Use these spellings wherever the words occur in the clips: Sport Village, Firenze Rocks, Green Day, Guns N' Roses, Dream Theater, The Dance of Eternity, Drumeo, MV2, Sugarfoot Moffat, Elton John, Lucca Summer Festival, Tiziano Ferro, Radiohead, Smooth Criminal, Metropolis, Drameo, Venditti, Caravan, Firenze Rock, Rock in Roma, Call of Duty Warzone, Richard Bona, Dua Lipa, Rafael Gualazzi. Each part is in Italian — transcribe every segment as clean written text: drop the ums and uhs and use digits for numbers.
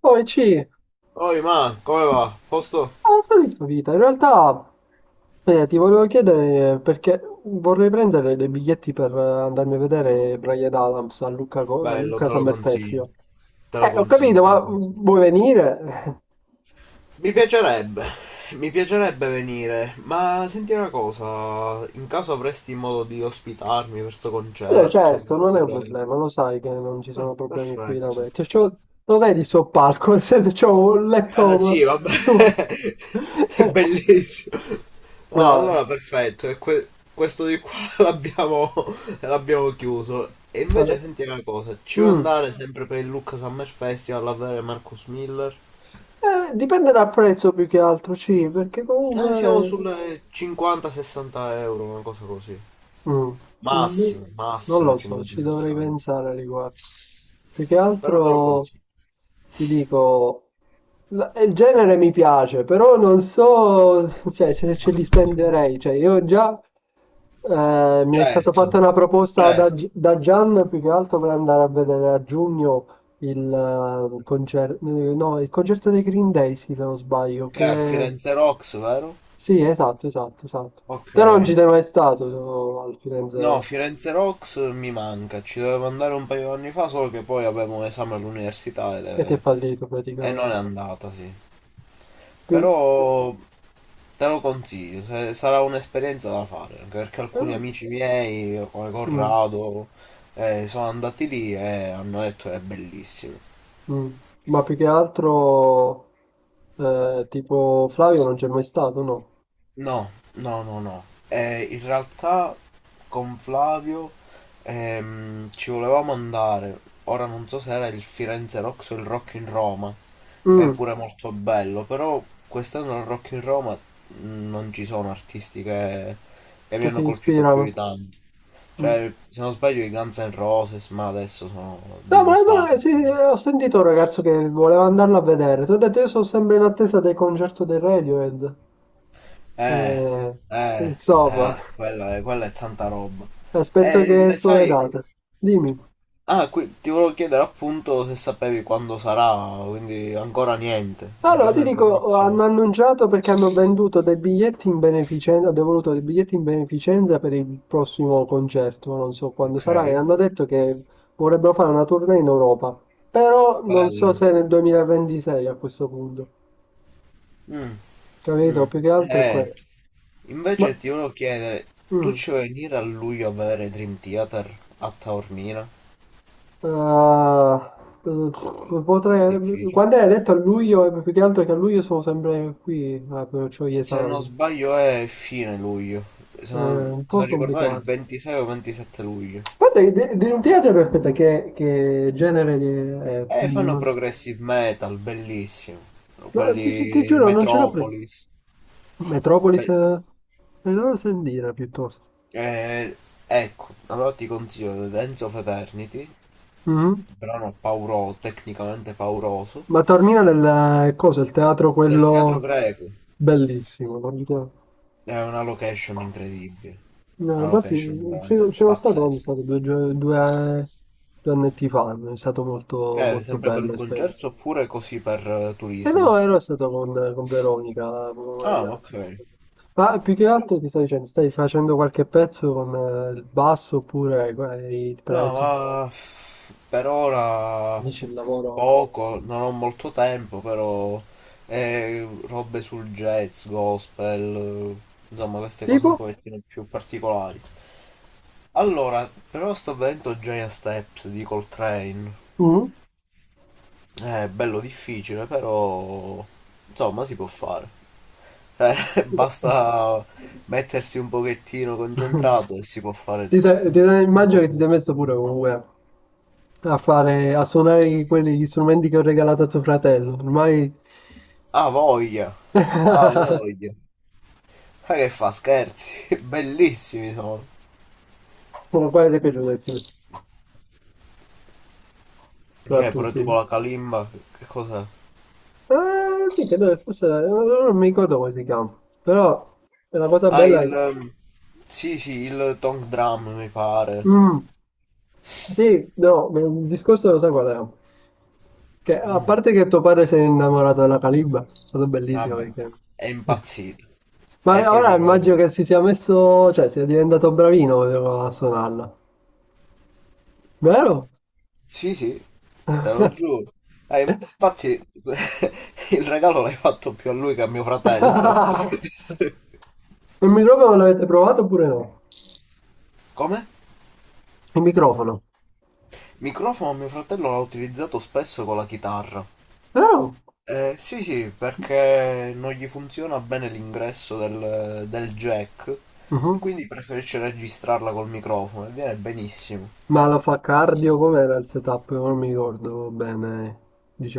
Poi C, Oi, ma come va? Posto? la solita vita. In realtà, ti volevo chiedere perché vorrei prendere dei biglietti per andarmi a vedere Brian Adams a Lucca, a Bello, Lucca te lo Summer consiglio. Festival. Te lo Ho consiglio, capito, te lo ma consiglio. vuoi venire? Mi piacerebbe, mi piacerebbe venire, ma senti una cosa, in caso avresti modo di ospitarmi per sto No, concerto, certo, non è un oppure... problema, lo sai che non ci Ah, sono problemi qui da perfetto. me. Cioè, lo vedi sto palco, nel senso c'ho un Ah, sì, letto vabbè, su. è bellissimo. No, No, allora perfetto, questo di qua l'abbiamo l'abbiamo chiuso. E vabbè. invece senti una cosa, ci vuoi Mm. andare sempre per il Lucca Summer Festival a vedere Marcus Miller? Dipende dal prezzo più che altro, sì, perché Siamo comunque sulle 50-60 euro, una cosa così. mh, non mi- Massimo, non massimo lo so, ci dovrei 50-60. pensare a riguardo. Più che Però te lo altro consiglio. ti dico, il genere mi piace, però non so, cioè, se ce li spenderei. Cioè, io già mi è stata fatta Certo, una proposta da, certo. Da Gian più che altro per andare a vedere a giugno il concerto, no, il concerto dei Green Day, sì, se non sbaglio, Che è al che Firenze Rocks, vero? sì, esatto, esatto, esatto. Ok. Te non ci sei mai stato so, al Firenze No, Rock. Firenze Rocks mi manca, ci dovevo andare un paio d'anni fa, solo che poi avevo un esame all'università Ed è fallito e non è praticamente. andata, sì. Più- Però te lo consiglio, sarà un'esperienza da fare, anche perché alcuni eh, amici miei, come mm, Corrado, sono andati lì e hanno detto che è bellissimo. mm. Ma più che altro, tipo Flavio non c'è mai stato, no? No, no, no, no. In realtà con Flavio ci volevamo andare. Ora non so se era il Firenze Rocks o il Rock in Roma, che è Mm, pure molto bello, però quest'anno al Rock in Roma non ci sono artisti che mi che hanno ti colpito più di ispirano. tanto. Mm. Cioè, se non sbaglio i Guns N' Roses, ma adesso sono No, ma no, dinosauri. sì, sì, ho sentito un ragazzo che voleva andarlo a vedere. Ti ho detto, io sono sempre in attesa del concerto del Radiohead. Eh, Eh, eh, insomma, quella è tanta roba. aspetto E che ne escono le sai... date. Dimmi. Ah, qui ti volevo chiedere appunto se sapevi quando sarà, quindi ancora niente, non ci Allora, ti sono dico, oh, informazioni. hanno annunciato perché hanno venduto dei biglietti in beneficenza, hanno devoluto dei biglietti in beneficenza per il prossimo concerto, non so quando Ok, sarà, e hanno detto che vorrebbero fare una tournée in Europa, però non so bello. se nel 2026 a questo punto, Mm, mm. capito? Più che altro è Eh, quello. Ma, invece ti volevo chiedere, tu mm, ci vuoi venire a luglio a vedere Dream Theater a Taormina? ah, potrei, Difficile. quando hai detto a luglio, più che altro che a luglio sono sempre qui, però ho gli Se non esami, sbaglio è fine luglio, se è non, un se po' non ricordo male il complicato. 26 o 27 luglio. Guarda, che Dream Theater, aspetta, che genere è? Fanno progressive metal, bellissimo. No, ti, ti Quelli giuro, non ce l'ho pre... Metropolis. Metropolis? Beh, Eh? Me lo sentire piuttosto. Eh, ecco, allora ti consiglio The Dance of Eternity, Mhm. brano pauroso, tecnicamente pauroso, Ma Taormina nel, cosa, il teatro nel teatro quello greco. bellissimo, guarda. È una location incredibile, No, una infatti location c'ero veramente c'ero stato quando è pazzesca. stato due annetti fa, è stato molto, molto Sempre per bella un esperienza. concerto oppure così per Eh turismo? no, ero stato con Veronica, proprio come Ah, piace. ok. Ma più che altro ti sto dicendo, stai facendo qualche pezzo con il basso oppure per No, adesso ma per ora dici il lavoro? poco, non ho molto tempo, però robe sul jazz, gospel, insomma queste cose un Tipo? pochettino più particolari. Allora, però sto vedendo Giant Steps di Coltrane. Mm? È bello difficile, però insomma si può fare. Basta mettersi un pochettino concentrato e si può fare un un Immagino po' che ti sei tutto. messo pure comunque a fare, a suonare quelli, gli strumenti che ho regalato a tuo fratello. Ormai... Ah, voglia! Ah, voglia! Ma che fa scherzi? Bellissimi sono. Quale ti è piaciuto di più? Tra Che è pure tutti. tu con la kalimba? Che cos'è? Sì, credo che fosse, non mi ricordo come si chiama, però è una cosa Ah, bella. il... ehm, Sì, sì, il Tong Drum mi pare. Mm, sì, no, il discorso lo so qual era. Che, a parte che tuo padre si è innamorato della Calibba, è stato bellissimo Vabbè. perché... È impazzito. È Ma ora proprio... immagino che si sia messo, cioè sia diventato bravino a suonarla, vero? Sì, sì, te lo giuro. Eh, infatti il regalo l'hai fatto più a lui che a mio fratello. Il microfono l'avete provato oppure no? Come? Il microfono, Microfono mio fratello l'ha utilizzato spesso con la chitarra. vero? Sì, sì, perché non gli funziona bene l'ingresso del, del jack e Mhm. quindi preferisce registrarla col microfono e viene benissimo. Ma lo fa cardio? Com'era il setup? Non mi ricordo bene,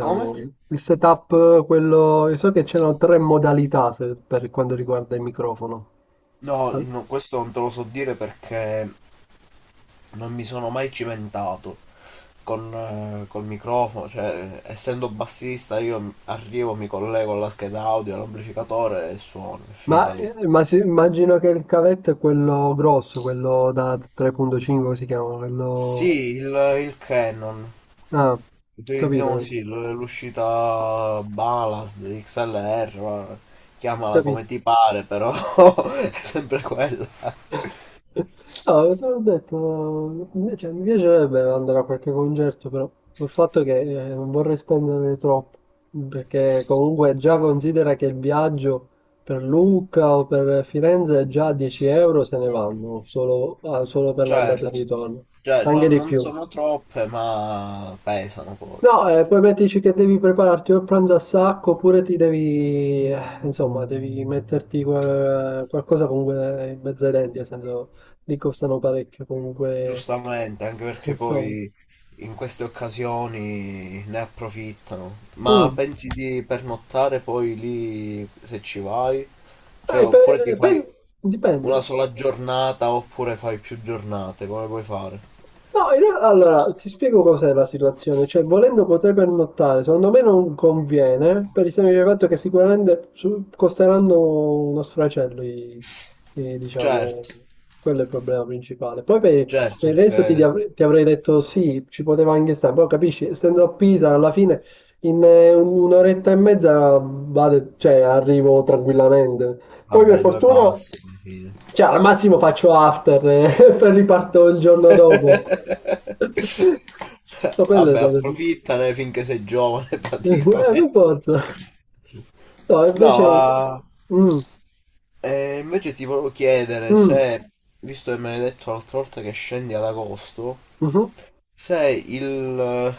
Come? il setup, quello... Io so che c'erano tre modalità per quanto riguarda il microfono. No, Al- no, questo non te lo so dire perché non mi sono mai cimentato con, col microfono, cioè essendo bassista io arrivo, mi collego alla scheda audio, all'amplificatore e suono, è finita lì. Immagino che il cavetto è quello grosso, quello da 3.5 si chiama, quello... Sì, il Canon. Ah, Utilizziamo capito, sì l'uscita Ballast, XLR, chiamala come capito. ti pare, però è sempre quella. No, te l'ho detto, mi cioè, mi piacerebbe andare a qualche concerto, però il fatto è che non vorrei spendere troppo, perché comunque già considera che il viaggio per Lucca o per Firenze già 10 euro se ne vanno, solo, ah, solo per l'andata e il Certo, ritorno, cioè, anche non, di non più. sono troppe, ma pesano poi. No, poi mettici che devi prepararti o il pranzo a sacco oppure ti devi, insomma, devi metterti qualcosa comunque in mezzo ai denti, nel senso, li costano parecchio comunque, Giustamente, anche perché insomma. poi in queste occasioni ne approfittano. Ma Mm. pensi di pernottare poi lì se ci vai? Cioè, Eh, pe- oppure ti fai pe- dipende. una sola giornata, oppure fai più giornate, come puoi fare? No, allora ti spiego cos'è la situazione, cioè volendo potrei pernottare, secondo me non conviene per il semplice fatto che sicuramente costeranno uno sfracello, diciamo, Certo, quello è il problema principale. Poi certo, per il resto ti, perché ti avrei detto sì, ci poteva anche stare, però capisci, essendo a Pisa alla fine in un'oretta e mezza vado, cioè, arrivo tranquillamente, poi per vabbè, due fortuna, passi alla fine. cioè al massimo faccio after e poi riparto il giorno dopo. Ma quello è Vabbè, stato approfittane finché sei giovane eh, praticamente. per forza. No, No, ma invece... Mm, invece ti volevo chiedere mm, se, visto che me l'hai detto l'altra volta che scendi ad agosto, mhm. se il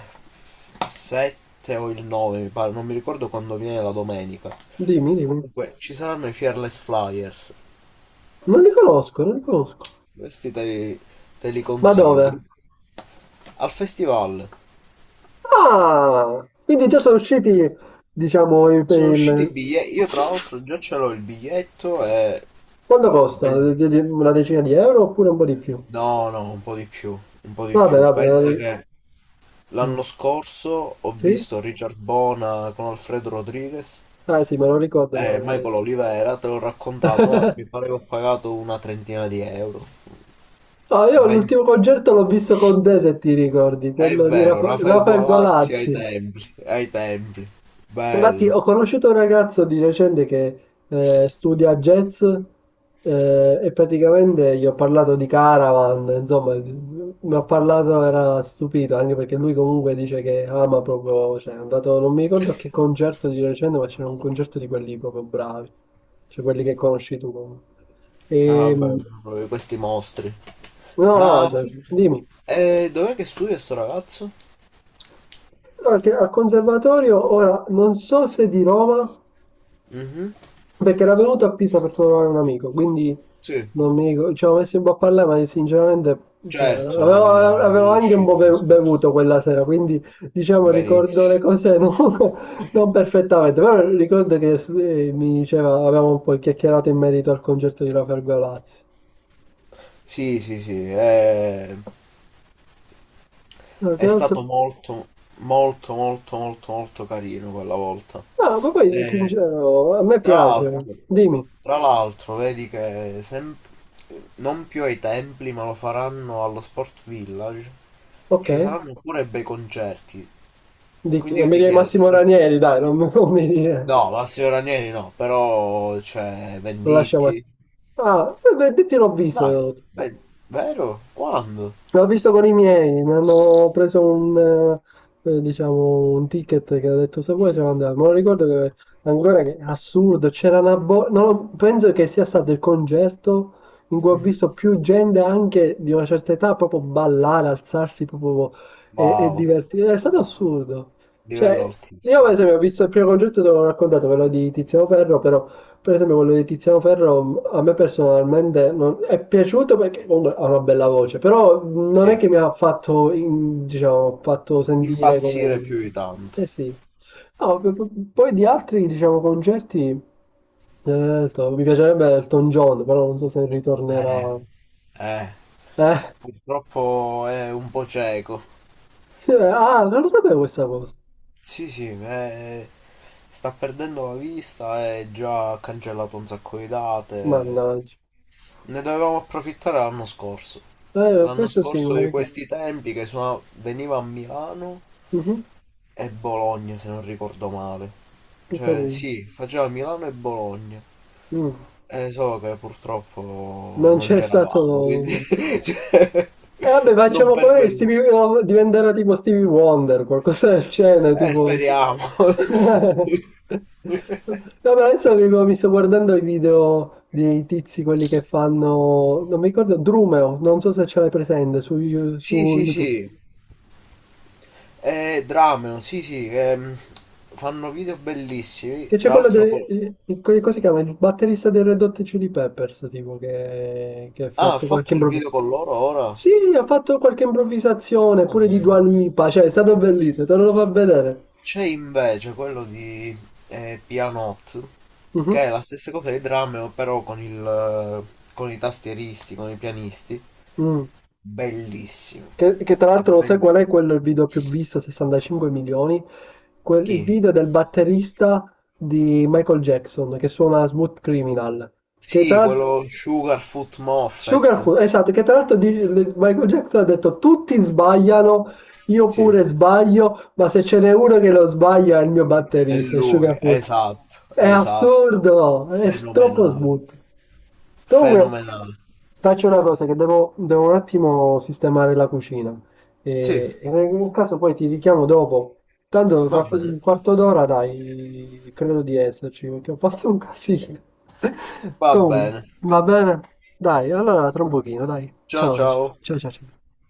7 o il 9, mi pare, non mi ricordo quando viene la domenica. Dimmi, dimmi. Comunque, ci saranno i Fearless Flyers. Non li conosco, non li conosco. Questi te li Ma consiglio. dove? Al festival. Ah, quindi già sono usciti, diciamo, per Sono usciti i il... biglietti, io tra l'altro già ce l'ho il biglietto e... Quanto costa? Bellissimo. Una decina di euro oppure un po' di più? No, no, un po' di più, un po' di Vabbè, più. vabbè, Pensa vabbè. che l'anno Mm. scorso ho Sì? visto Richard Bona con Alfredo Rodriguez Ah sì, me lo ricordo, me e l'avevi Michael detto. Olivera, te l'ho raccontato, ma mi pare che ho pagato una trentina di euro. No, io Ven- l'ultimo concerto l'ho visto con te, se ti ricordi, È quello di vero, Rafael Rafael Gualazzi ai Balazzi. templi, ai templi. Infatti, Bello. ho conosciuto un ragazzo di recente che studia jazz, e praticamente gli ho parlato di Caravan, insomma, mi ha parlato, era stupito, anche perché lui comunque dice che ama proprio, cioè è andato, non mi ricordo a che concerto di recente, ma c'era un concerto di quelli proprio bravi, cioè quelli che conosci tu comunque. Ah, E, vabbè, proprio questi mostri. no, no, Ma cioè, dimmi. Dov'è che studia sto ragazzo? Perché al conservatorio, ora, non so se di Roma, Mhm, perché era venuto a Pisa per trovare un amico, quindi sì. non mi ricordo, ci avevo messo un po' a parlare, ma sinceramente, cioè, Certo, avevo, non avevo è anche un po' uscito il discorso. bevuto quella sera, quindi, diciamo, ricordo Benissimo. le cose non, non perfettamente, però ricordo che mi diceva, avevamo un po' chiacchierato in merito al concerto di Rafael Galazzi. Sì, sì, sì, No, che è stato altro? molto, molto, molto, molto, molto carino quella volta. No, ma poi, E, sincero, a me tra l'altro, piace, dimmi, tra l'altro, vedi che non più ai templi, ma lo faranno allo Sport Village. Ci ok. saranno pure bei concerti. Di chi? Quindi Non io mi ti dire chiedo Massimo se... Ranieri, dai, non, non mi dire. No, Massimo Ranieri no, però c'è Lo lasciamo. Venditti. Ah, eh beh, ti l'ho Dai, visto. beh, vero? Quando? L'ho visto con i miei, mi hanno preso un, diciamo, un ticket che ha detto se vuoi ce lo andiamo. Ma lo ricordo che ancora che assurdo, c'era una bo- non lo- penso che sia stato il concerto in cui ho Mhm. visto più gente anche di una certa età proprio ballare, alzarsi proprio e Wow, divertirsi. È stato assurdo. livello Cioè, io per altissimo. esempio ho visto il primo concerto, te l'ho raccontato, quello di Tiziano Ferro, però per esempio quello di Tiziano Ferro a me personalmente è piaciuto perché comunque ha una bella voce, però non è Sì, che mi ha fatto, diciamo, fatto sentire come impazzire dire. più di tanto. Eh sì. No, poi di altri, diciamo, concerti, mi piacerebbe Elton John, però non so se Eh, ritornerà. eh, Eh? purtroppo è un po' cieco. Ah, non lo sapevo questa cosa. Sì, sì, sta perdendo la vista e già ha cancellato un sacco di date. Mannaggia. Ne dovevamo approfittare l'anno scorso. L'anno Questo sì, me scorso lo di ricordo. questi tempi che veniva a Milano Mhm, e Bologna, se non ricordo male. ho Cioè, capito. sì, faceva Milano e Bologna. Mm. Solo che purtroppo Non non c'è c'eravamo, quindi stato. cioè, E vabbè, non facciamo come pervenuti. No, diventerà tipo Stevie Wonder, qualcosa del genere, tipo... Speriamo. No, ma adesso che mi sto guardando i video dei tizi, quelli che fanno... Non mi ricordo, Drumeo, non so se ce l'hai presente su, Sì, su sì, YouTube. sì. Drameo, sì, sì, che, fanno video bellissimi. Che c'è Tra quello l'altro, col... del... Cosa si chiama? Il batterista del Red Hot Chili Peppers, tipo, che ha ah, ha fatto qualche fatto il video improvvisazione. con loro ora. Sì, ha fatto qualche improvvisazione, pure di Ah. Dua Lipa, cioè è stato bellissimo, te lo fa vedere. C'è invece quello di Pianot, che Mhm. è la stessa cosa di Drameo, però con il, con i tastieristi, con i pianisti. Mm. Bellissimo. Che tra l'altro lo sai qual Ben- è quel video più visto, 65 milioni? Quel, il Chi? video del batterista di Michael Jackson che suona Smooth Criminal. Che tra Sì, l'altro... quello Sugarfoot Moffat. Sugarfoot, esatto, che tra l'altro Michael Jackson ha detto tutti sbagliano, io Sì, pure sbaglio, ma se ce n'è uno che lo sbaglia è il mio è batterista, è lui, Sugarfoot. esatto, È esatto, assurdo, è troppo fenomenale, smooth. Comunque, fenomenale. faccio una cosa che devo, un attimo sistemare la cucina. Sì, E nel caso poi ti richiamo dopo. Tanto va fra un bene, quarto d'ora, dai, credo di esserci, perché ho fatto un casino. va Comunque, bene. va bene? Dai, allora tra un pochino, dai. Ciao Ciao, ciao. ciao, ciao, ciao.